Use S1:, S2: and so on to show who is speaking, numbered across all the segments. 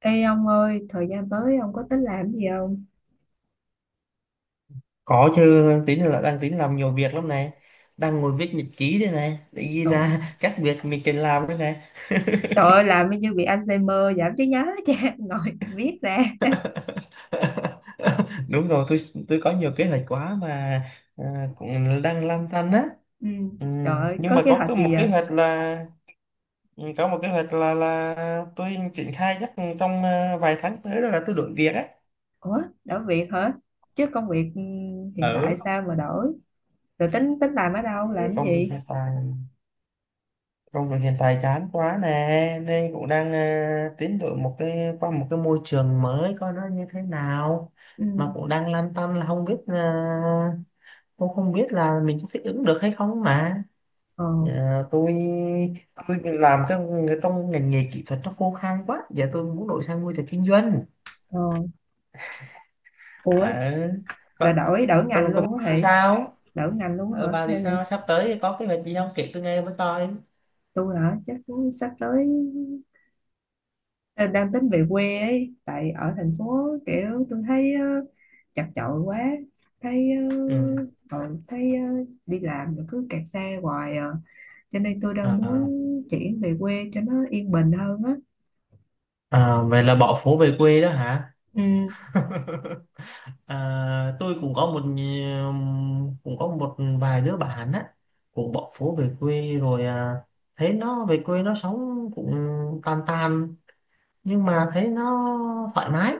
S1: Ê ông ơi, thời gian tới ông có tính làm gì không?
S2: Có chứ, tính là đang tính làm nhiều việc lắm này. Đang ngồi viết nhật ký đây này, để ghi
S1: Rồi,
S2: ra các việc mình cần làm đây này.
S1: trời ơi, làm như bị Alzheimer, giảm trí nhớ cha, ngồi viết ra.
S2: Đúng rồi, tôi có nhiều kế hoạch quá mà cũng đang lăn tăn á.
S1: Ừ,
S2: Ừ.
S1: trời ơi,
S2: Nhưng
S1: có
S2: mà
S1: kế hoạch
S2: một
S1: gì
S2: kế
S1: vậy?
S2: hoạch là ừ, có một kế hoạch là tôi triển khai chắc trong vài tháng tới đó là tôi đổi việc á.
S1: Ủa, đổi việc hả? Chứ công việc hiện tại
S2: Ở
S1: sao mà đổi? Rồi tính tính làm ở đâu, làm cái
S2: công việc
S1: gì?
S2: hiện tại. Công việc hiện tại chán quá nè nên cũng đang tiến đổi một cái qua một cái môi trường mới coi nó như thế nào,
S1: Ừ.
S2: mà cũng đang lăn tăn là không biết cũng không biết là mình có thích ứng được hay không mà.
S1: Ờ.
S2: Ờ, tôi tôi làm cái, trong ngành nghề kỹ thuật nó khô khan quá giờ tôi muốn đổi sang môi trường kinh doanh.
S1: Ờ. Ủa,
S2: à,
S1: là
S2: còn
S1: đổi đổi ngành
S2: còn còn
S1: luôn á
S2: bà thì
S1: hả?
S2: sao,
S1: Đổi ngành luôn hả?
S2: bà thì
S1: Hay là
S2: sao sắp tới thì có cái việc gì không kể tôi nghe với coi?
S1: tôi hả? Chắc cũng sắp tới. Ờ, đang tính về quê ấy, tại ở thành phố kiểu tôi thấy chật chội quá, thấy
S2: Ừ.
S1: ờ, thấy ờ, đi làm rồi cứ kẹt xe hoài à, cho nên tôi đang muốn
S2: À,
S1: chuyển về quê cho nó yên bình hơn á.
S2: Vậy là bỏ phố về quê đó hả?
S1: Ừ,
S2: Tôi cũng có cũng có một vài đứa bạn á cũng bỏ phố về quê rồi, thấy nó về quê nó sống cũng tàn tàn nhưng mà thấy nó thoải mái.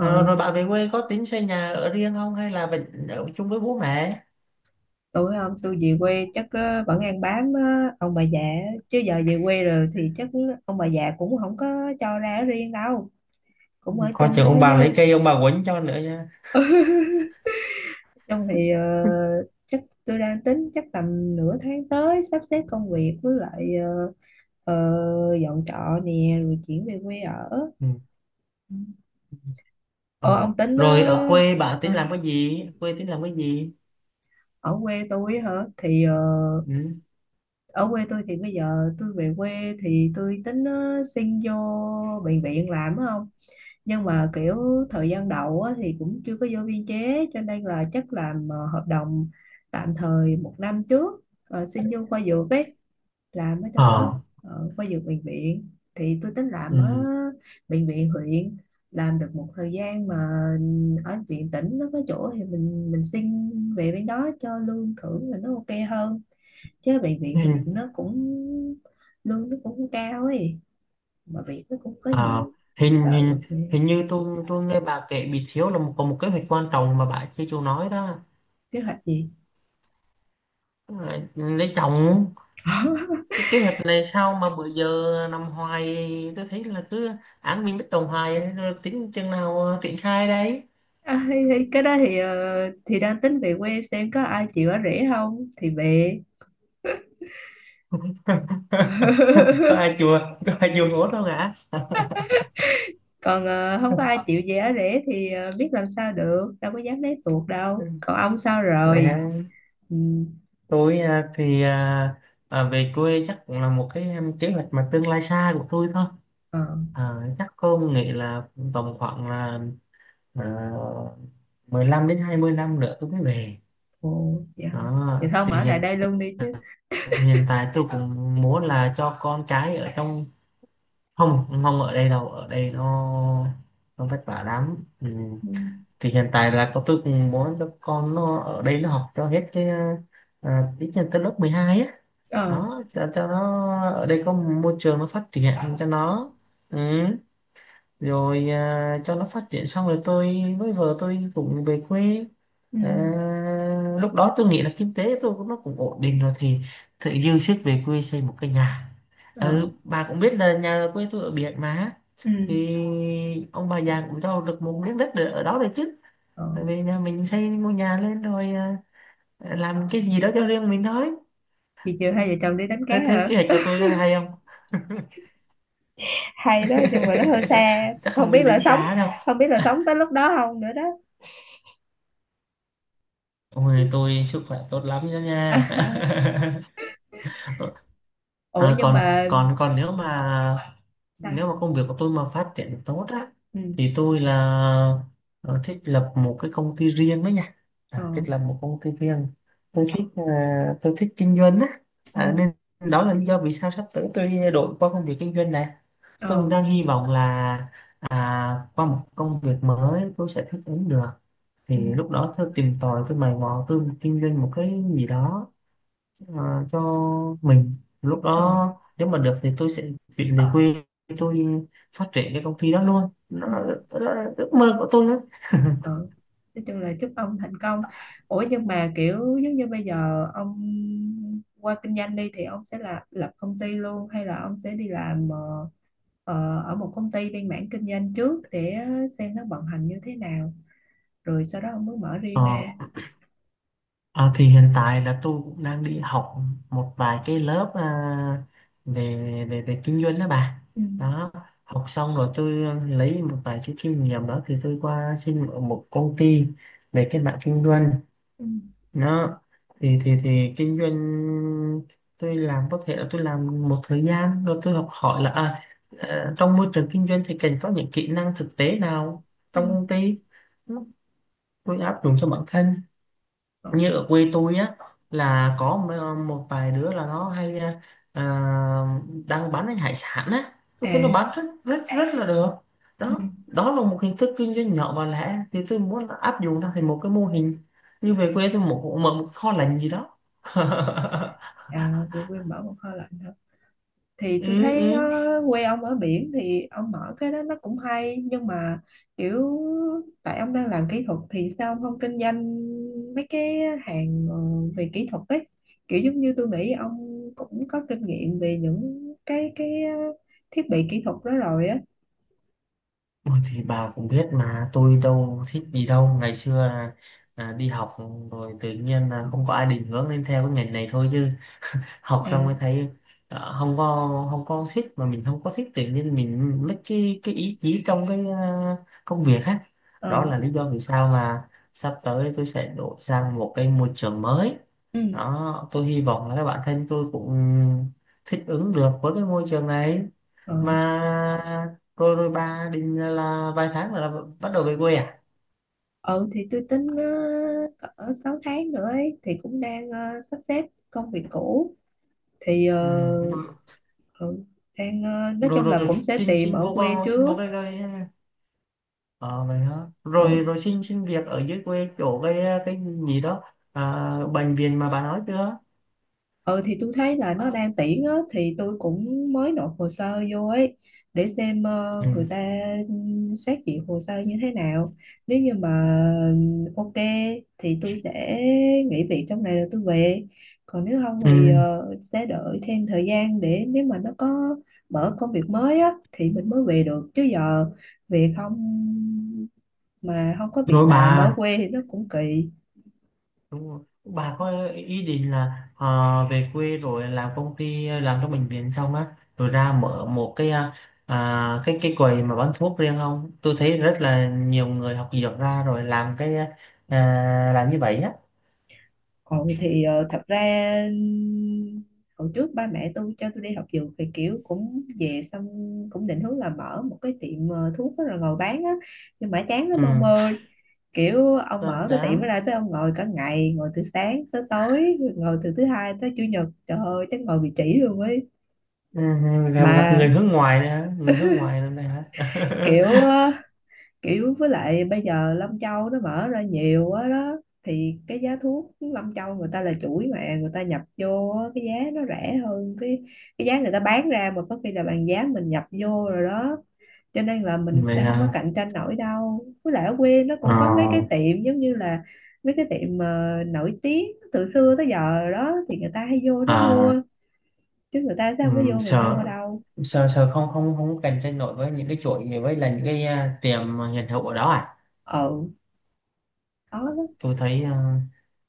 S2: Ờ, rồi bạn về quê có tính xây nhà ở riêng không hay là vẫn ở chung với bố mẹ?
S1: tôi không, tôi về quê chắc vẫn ăn bám ông bà già á. Chứ giờ về quê rồi thì chắc ông bà già cũng không có cho ra ở riêng đâu, cũng ở
S2: Coi chừng
S1: chung
S2: ông
S1: với
S2: bà lấy
S1: chứ.
S2: cây ông bà quấn cho nữa nha.
S1: Trong thì chắc tôi đang tính chắc tầm nửa tháng tới sắp xếp công việc với lại dọn trọ nè rồi chuyển về quê ở.
S2: Ừ. Ờ.
S1: Ờ ông tính
S2: Rồi ở quê bạn tính
S1: hả?
S2: làm cái gì, quê tính làm cái gì?
S1: Ở quê tôi á hả thì
S2: Ừ.
S1: ở quê tôi thì bây giờ tôi về quê thì tôi tính xin vô bệnh viện làm á. Không, nhưng mà kiểu thời gian đầu á, thì cũng chưa có vô biên chế cho nên là chắc làm hợp đồng tạm thời một năm trước, xin vô khoa dược ấy, làm ở trong đó,
S2: Ờ.
S1: ở khoa dược bệnh viện. Thì tôi tính làm ở bệnh viện huyện, làm được một thời gian mà ở viện tỉnh nó có chỗ thì mình xin về bên đó cho lương thưởng là nó ok hơn. Chứ bệnh viện huyện
S2: Ừ.
S1: nó cũng, lương nó cũng không cao ấy, mà việc nó cũng có
S2: À,
S1: nhiều mình
S2: hình
S1: sợ được
S2: hình
S1: thì.
S2: hình như tôi nghe bà kể bị thiếu là có một kế hoạch quan trọng mà bà chưa chịu nói đó.
S1: Kế hoạch gì
S2: Lấy chồng. Cái kế hoạch này sao mà bữa giờ nằm hoài, tôi thấy là cứ án mình bất đồng hoài rồi tính chừng nào triển khai đấy?
S1: à, thì cái đó thì thì đang tính về quê xem có ai chịu ở rể không thì về.
S2: có ai chùa có ai chùa ngốt đâu hả?
S1: Còn không có ai chịu giá rẻ thì biết làm sao được, đâu có dám lấy tuột đâu.
S2: Ừ.
S1: Còn ông sao
S2: Vậy
S1: rồi?
S2: hả?
S1: Ừ.
S2: Tôi thì về quê chắc cũng là một kế hoạch mà tương lai xa của tôi thôi.
S1: Ờ.
S2: Chắc không nghĩ là tầm khoảng là Ờ, 15 đến 20 năm nữa tôi mới về.
S1: Ồ, dạ.
S2: Đó
S1: Dạ, thôi ông
S2: thì
S1: ở lại
S2: hiện
S1: đây luôn đi chứ.
S2: hiện tại tôi cũng muốn là cho con cái ở trong. Không, không ở đây đâu, ở đây nó vất vả lắm. Ừ.
S1: Ừ.
S2: Thì hiện tại là con tôi cũng muốn cho con nó ở đây nó học cho hết cái ờ, ít nhất tới lớp 12 á.
S1: Ờ.
S2: Đó, cho nó ở đây có môi trường nó phát triển cho nó. Ừ. Rồi cho nó phát triển xong rồi tôi với vợ tôi cũng về quê.
S1: Ừ.
S2: À, lúc đó tôi nghĩ là kinh tế tôi cũng nó cũng ổn định rồi thì tự dư sức về quê xây một cái nhà.
S1: Ờ.
S2: Ừ, bà cũng biết là nhà ở quê tôi ở biển mà.
S1: Ừ.
S2: Thì ông bà già cũng cho được một miếng đất ở ở đó rồi chứ.
S1: Ờ,
S2: Tại vì nhà mình xây ngôi nhà lên rồi, làm cái gì đó cho riêng mình thôi.
S1: chiều chiều hai vợ chồng đi đánh cá
S2: Thế thế
S1: hả?
S2: kế hoạch của tôi hay không?
S1: Hay đó, nhưng mà nó hơi xa.
S2: Chắc
S1: không
S2: không đi
S1: biết là
S2: đánh
S1: sống
S2: cá đâu.
S1: không biết là sống tới lúc đó không nữa đó.
S2: Ôi tôi sức khỏe tốt lắm đó nha.
S1: Ủa
S2: À,
S1: nhưng
S2: còn
S1: mà
S2: còn còn nếu mà nếu
S1: sao.
S2: mà công việc của tôi mà phát triển tốt á
S1: Ừ.
S2: thì tôi là ờ, thích lập một cái công ty riêng đó nha.
S1: Ờ.
S2: Thích lập một công ty riêng. Tôi thích ờ, tôi thích kinh doanh á.
S1: Ừ.
S2: Nên đó là lý do vì sao sắp tới tôi đổi qua công việc kinh doanh này. Tôi cũng
S1: Ờ.
S2: đang hy vọng là qua một công việc mới tôi sẽ thích ứng được. Thì
S1: Ừ.
S2: lúc đó tôi tìm tòi, tôi mày mò, tôi kinh doanh một cái gì đó cho mình. Lúc
S1: Ờ.
S2: đó nếu mà được thì tôi sẽ chuyển về quê, tôi phát triển cái công ty đó luôn, nó
S1: Ừ.
S2: là đó là ước mơ của tôi đó.
S1: Ừ, nói chung là chúc ông thành công. Ủa nhưng mà kiểu giống như bây giờ ông qua kinh doanh đi, thì ông sẽ là lập công ty luôn hay là ông sẽ đi làm ở một công ty bên mảng kinh doanh trước để xem nó vận hành như thế nào, rồi sau đó ông mới mở
S2: Ờ,
S1: riêng ra.
S2: thì hiện tại là tôi cũng đang đi học một vài cái lớp về về về kinh doanh đó bà.
S1: Ừ.
S2: Đó, học xong rồi tôi lấy một vài cái kinh nghiệm đó thì tôi qua xin ở một công ty về cái mạng kinh doanh.
S1: Ừ.
S2: Nó thì kinh doanh tôi làm có thể là tôi làm một thời gian rồi tôi học hỏi là trong môi trường kinh doanh thì cần có những kỹ năng thực tế nào
S1: Ừ.
S2: trong công ty. Nó- tôi áp dụng cho bản thân.
S1: Ừ.
S2: Như ở quê tôi á là có một một vài đứa là nó hay, à, đang bán cái hải sản á. Tôi thấy nó
S1: À.
S2: bán rất rất rất là được.
S1: Ừ.
S2: Đó, đó là một hình thức kinh doanh nhỏ và lẻ thì tôi muốn áp dụng nó thành một cái mô hình. Như về quê tôi một mở một kho lạnh gì đó.
S1: À, về quên mở một kho lạnh hả? Thì tôi
S2: Ừ,
S1: thấy
S2: ừ.
S1: quê ông ở biển thì ông mở cái đó nó cũng hay, nhưng mà kiểu tại ông đang làm kỹ thuật thì sao ông không kinh doanh mấy cái hàng về kỹ thuật ấy, kiểu giống như tôi nghĩ ông cũng có kinh nghiệm về những cái thiết bị kỹ thuật đó rồi á.
S2: Ôi, thì bà cũng biết mà tôi đâu thích gì đâu, ngày xưa là, đi học rồi tự nhiên là không có ai định hướng nên theo cái ngành này thôi chứ. Học xong
S1: À.
S2: mới thấy không có thích, mà mình không có thích tự nhiên mình mất cái ý chí trong cái công việc á. Đó
S1: Ờ.
S2: là lý do vì sao mà sắp tới tôi sẽ đổi sang một cái môi trường mới.
S1: Ừ.
S2: Đó tôi hy vọng là các bạn thân tôi cũng thích ứng được với cái môi trường này
S1: Ờ.
S2: mà. Rồi rồi bà định là vài tháng là bắt đầu về quê à?
S1: Ừ, thì tôi tính cỡ 6 tháng nữa ấy thì cũng đang sắp xếp công việc cũ thì
S2: Ừ.
S1: ừ, đang nói
S2: rồi
S1: chung là
S2: rồi
S1: cũng sẽ
S2: xin
S1: tìm
S2: xin
S1: ở
S2: vô,
S1: quê
S2: con xin
S1: trước.
S2: vô cái, cái. Ờ vậy hả? Rồi
S1: Ừ.
S2: rồi xin xin việc ở dưới quê chỗ cái gì đó, bệnh viện mà bà nói chưa?
S1: Ừ, thì tôi thấy là nó đang tuyển á thì tôi cũng mới nộp hồ sơ vô ấy để xem người
S2: Ừ.
S1: ta xét duyệt hồ sơ như thế nào. Nếu như mà ok thì tôi sẽ nghỉ việc trong này rồi tôi về. Còn nếu không
S2: Ừ.
S1: thì sẽ đợi thêm thời gian để nếu mà nó có mở công việc mới á thì mình mới về được, chứ giờ về không mà không có việc
S2: Rồi
S1: làm ở
S2: bà
S1: quê thì nó cũng kỳ.
S2: đúng rồi. Bà có ý định là về quê rồi làm công ty làm trong bệnh viện xong á rồi ra mở một cái cái quầy mà bán thuốc riêng không? Tôi thấy rất là nhiều người học dược ra rồi làm cái, làm như vậy á.
S1: Ừ, thì thật ra hồi trước ba mẹ tôi cho tôi đi học dược thì kiểu cũng về xong cũng định hướng là mở một cái tiệm thuốc đó rồi ngồi bán á, nhưng mà chán lắm
S2: Ừ.
S1: ông ơi. Kiểu ông
S2: Làm
S1: mở cái tiệm đó
S2: tám.
S1: ra sao, ông ngồi cả ngày, ngồi từ sáng tới tối, ngồi từ thứ hai tới chủ nhật, trời ơi chắc ngồi bị chỉ luôn ấy.
S2: Ừ, gặp gặp
S1: Mà
S2: người hướng ngoài nữa hả? Người hướng ngoài nữa này hả?
S1: kiểu, với lại bây giờ Lâm Châu nó mở ra nhiều quá đó, thì cái giá thuốc Lâm Châu người ta là chuỗi mà người ta nhập vô á, cái giá nó rẻ hơn cái giá người ta bán ra, mà có khi là bằng giá mình nhập vô rồi đó. Cho nên là mình
S2: Vậy
S1: sẽ không có
S2: là
S1: cạnh tranh nổi đâu, với lại ở quê nó
S2: ờ,
S1: cũng có mấy cái tiệm giống như là mấy cái tiệm mà nổi tiếng từ xưa tới giờ rồi đó, thì người ta hay vô đó
S2: à,
S1: mua, chứ người ta sẽ không có vô mình mua
S2: sợ
S1: đâu.
S2: sợ sợ không không không cạnh tranh nổi với những cái chuỗi với là những cái, tiệm hiện hữu ở đó à.
S1: Ừ, đó.
S2: tôi thấy à,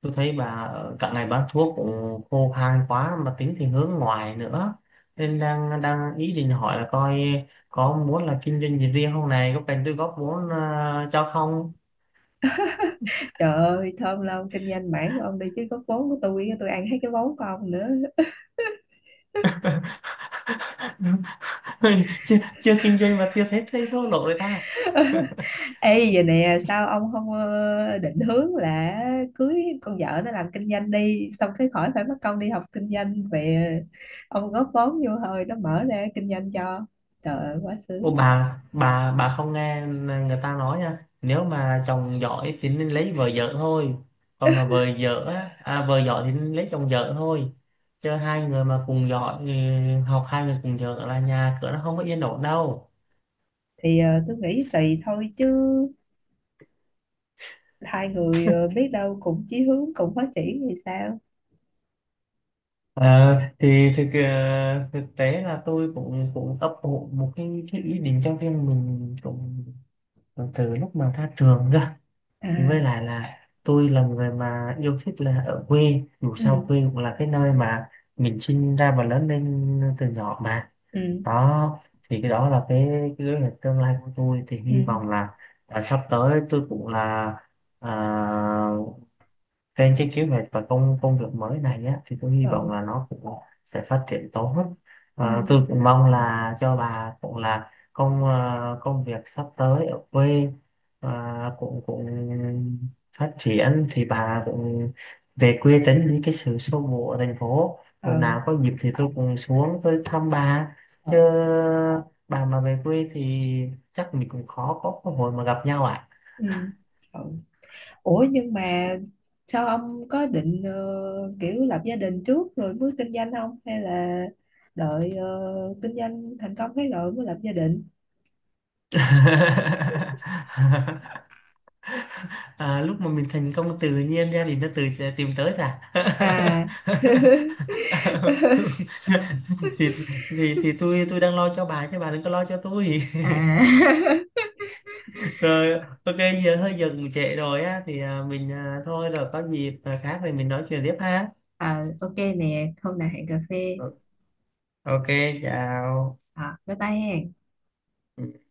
S2: tôi thấy cả ngày bán thuốc cũng khô khan quá mà tính thì hướng ngoại nữa, nên đang đang ý định hỏi là coi có muốn là kinh doanh gì riêng không này, có cần tôi góp vốn cho không?
S1: Trời ơi, thơm lâu kinh doanh mảng của ông đi, chứ góp vốn của tôi ăn hết cái vốn của ông nữa.
S2: Chưa, chưa kinh doanh mà chưa thấy thấy thua lỗ rồi ta.
S1: Ê giờ nè, sao ông không định hướng là cưới con vợ nó làm kinh doanh đi, xong cái khỏi phải mất công đi học kinh doanh về, ông góp vốn vô thôi, nó mở ra kinh doanh cho. Trời ơi, quá
S2: Ô,
S1: sướng.
S2: bà không nghe người ta nói nha, nếu mà chồng giỏi thì nên lấy vợ vợ thôi, còn mà vợ vợ á vợ giỏi thì nên lấy chồng vợ thôi, chứ hai người mà cùng giỏi học hai người cùng vợ là nhà cửa nó không có yên ổn đâu.
S1: Thì tôi nghĩ tùy thôi chứ, hai người biết đâu cùng chí hướng cùng phát triển thì sao?
S2: Ờ, thì thực tế là tôi cũng cũng ấp ủ một cái ý định cho riêng mình cũng từ lúc mà ra trường cơ.
S1: À,
S2: Với lại là tôi là một người mà yêu thích là ở quê, dù sao
S1: ừ,
S2: quê cũng là cái nơi mà mình sinh ra và lớn lên từ nhỏ mà.
S1: ừ,
S2: Đó thì cái đó là cái kế hoạch tương lai của tôi thì
S1: ừ,
S2: hy vọng là sắp tới tôi cũng là à, trên cái kế hoạch và công công việc mới này á, thì tôi hy vọng
S1: ừ,
S2: là nó cũng sẽ phát triển tốt.
S1: ừ,
S2: Ờ, tôi cũng mong là cho bà cũng là công việc sắp tới ở quê ờ, cũng cũng phát triển thì bà cũng về quê tránh đi cái sự xô bồ ở thành phố.
S1: ừ,
S2: Rồi
S1: ừ.
S2: nào có dịp thì tôi cũng xuống tôi thăm bà.
S1: Ừ.
S2: Chứ bà mà về quê thì chắc mình cũng khó có cơ hội mà gặp nhau ạ.
S1: Ừ, ừ. Ủa nhưng mà sao ông có định kiểu lập gia đình trước rồi mới kinh doanh không? Hay là đợi kinh doanh thành công cái rồi mới lập gia đình?
S2: À, lúc mà mình thành công tự nhiên ra thì nó tự sẽ tìm tới à.
S1: À.
S2: thì, thì tôi đang lo cho bà chứ bà đừng có lo cho tôi.
S1: À.
S2: Rồi ok, giờ cũng trễ rồi á thì mình thôi rồi có dịp khác thì mình nói chuyện tiếp ha.
S1: Ờ, ok nè hôm nào hẹn cà phê.
S2: Ờ, ok, chào.
S1: Ờ, bye bye ha.
S2: Ừ.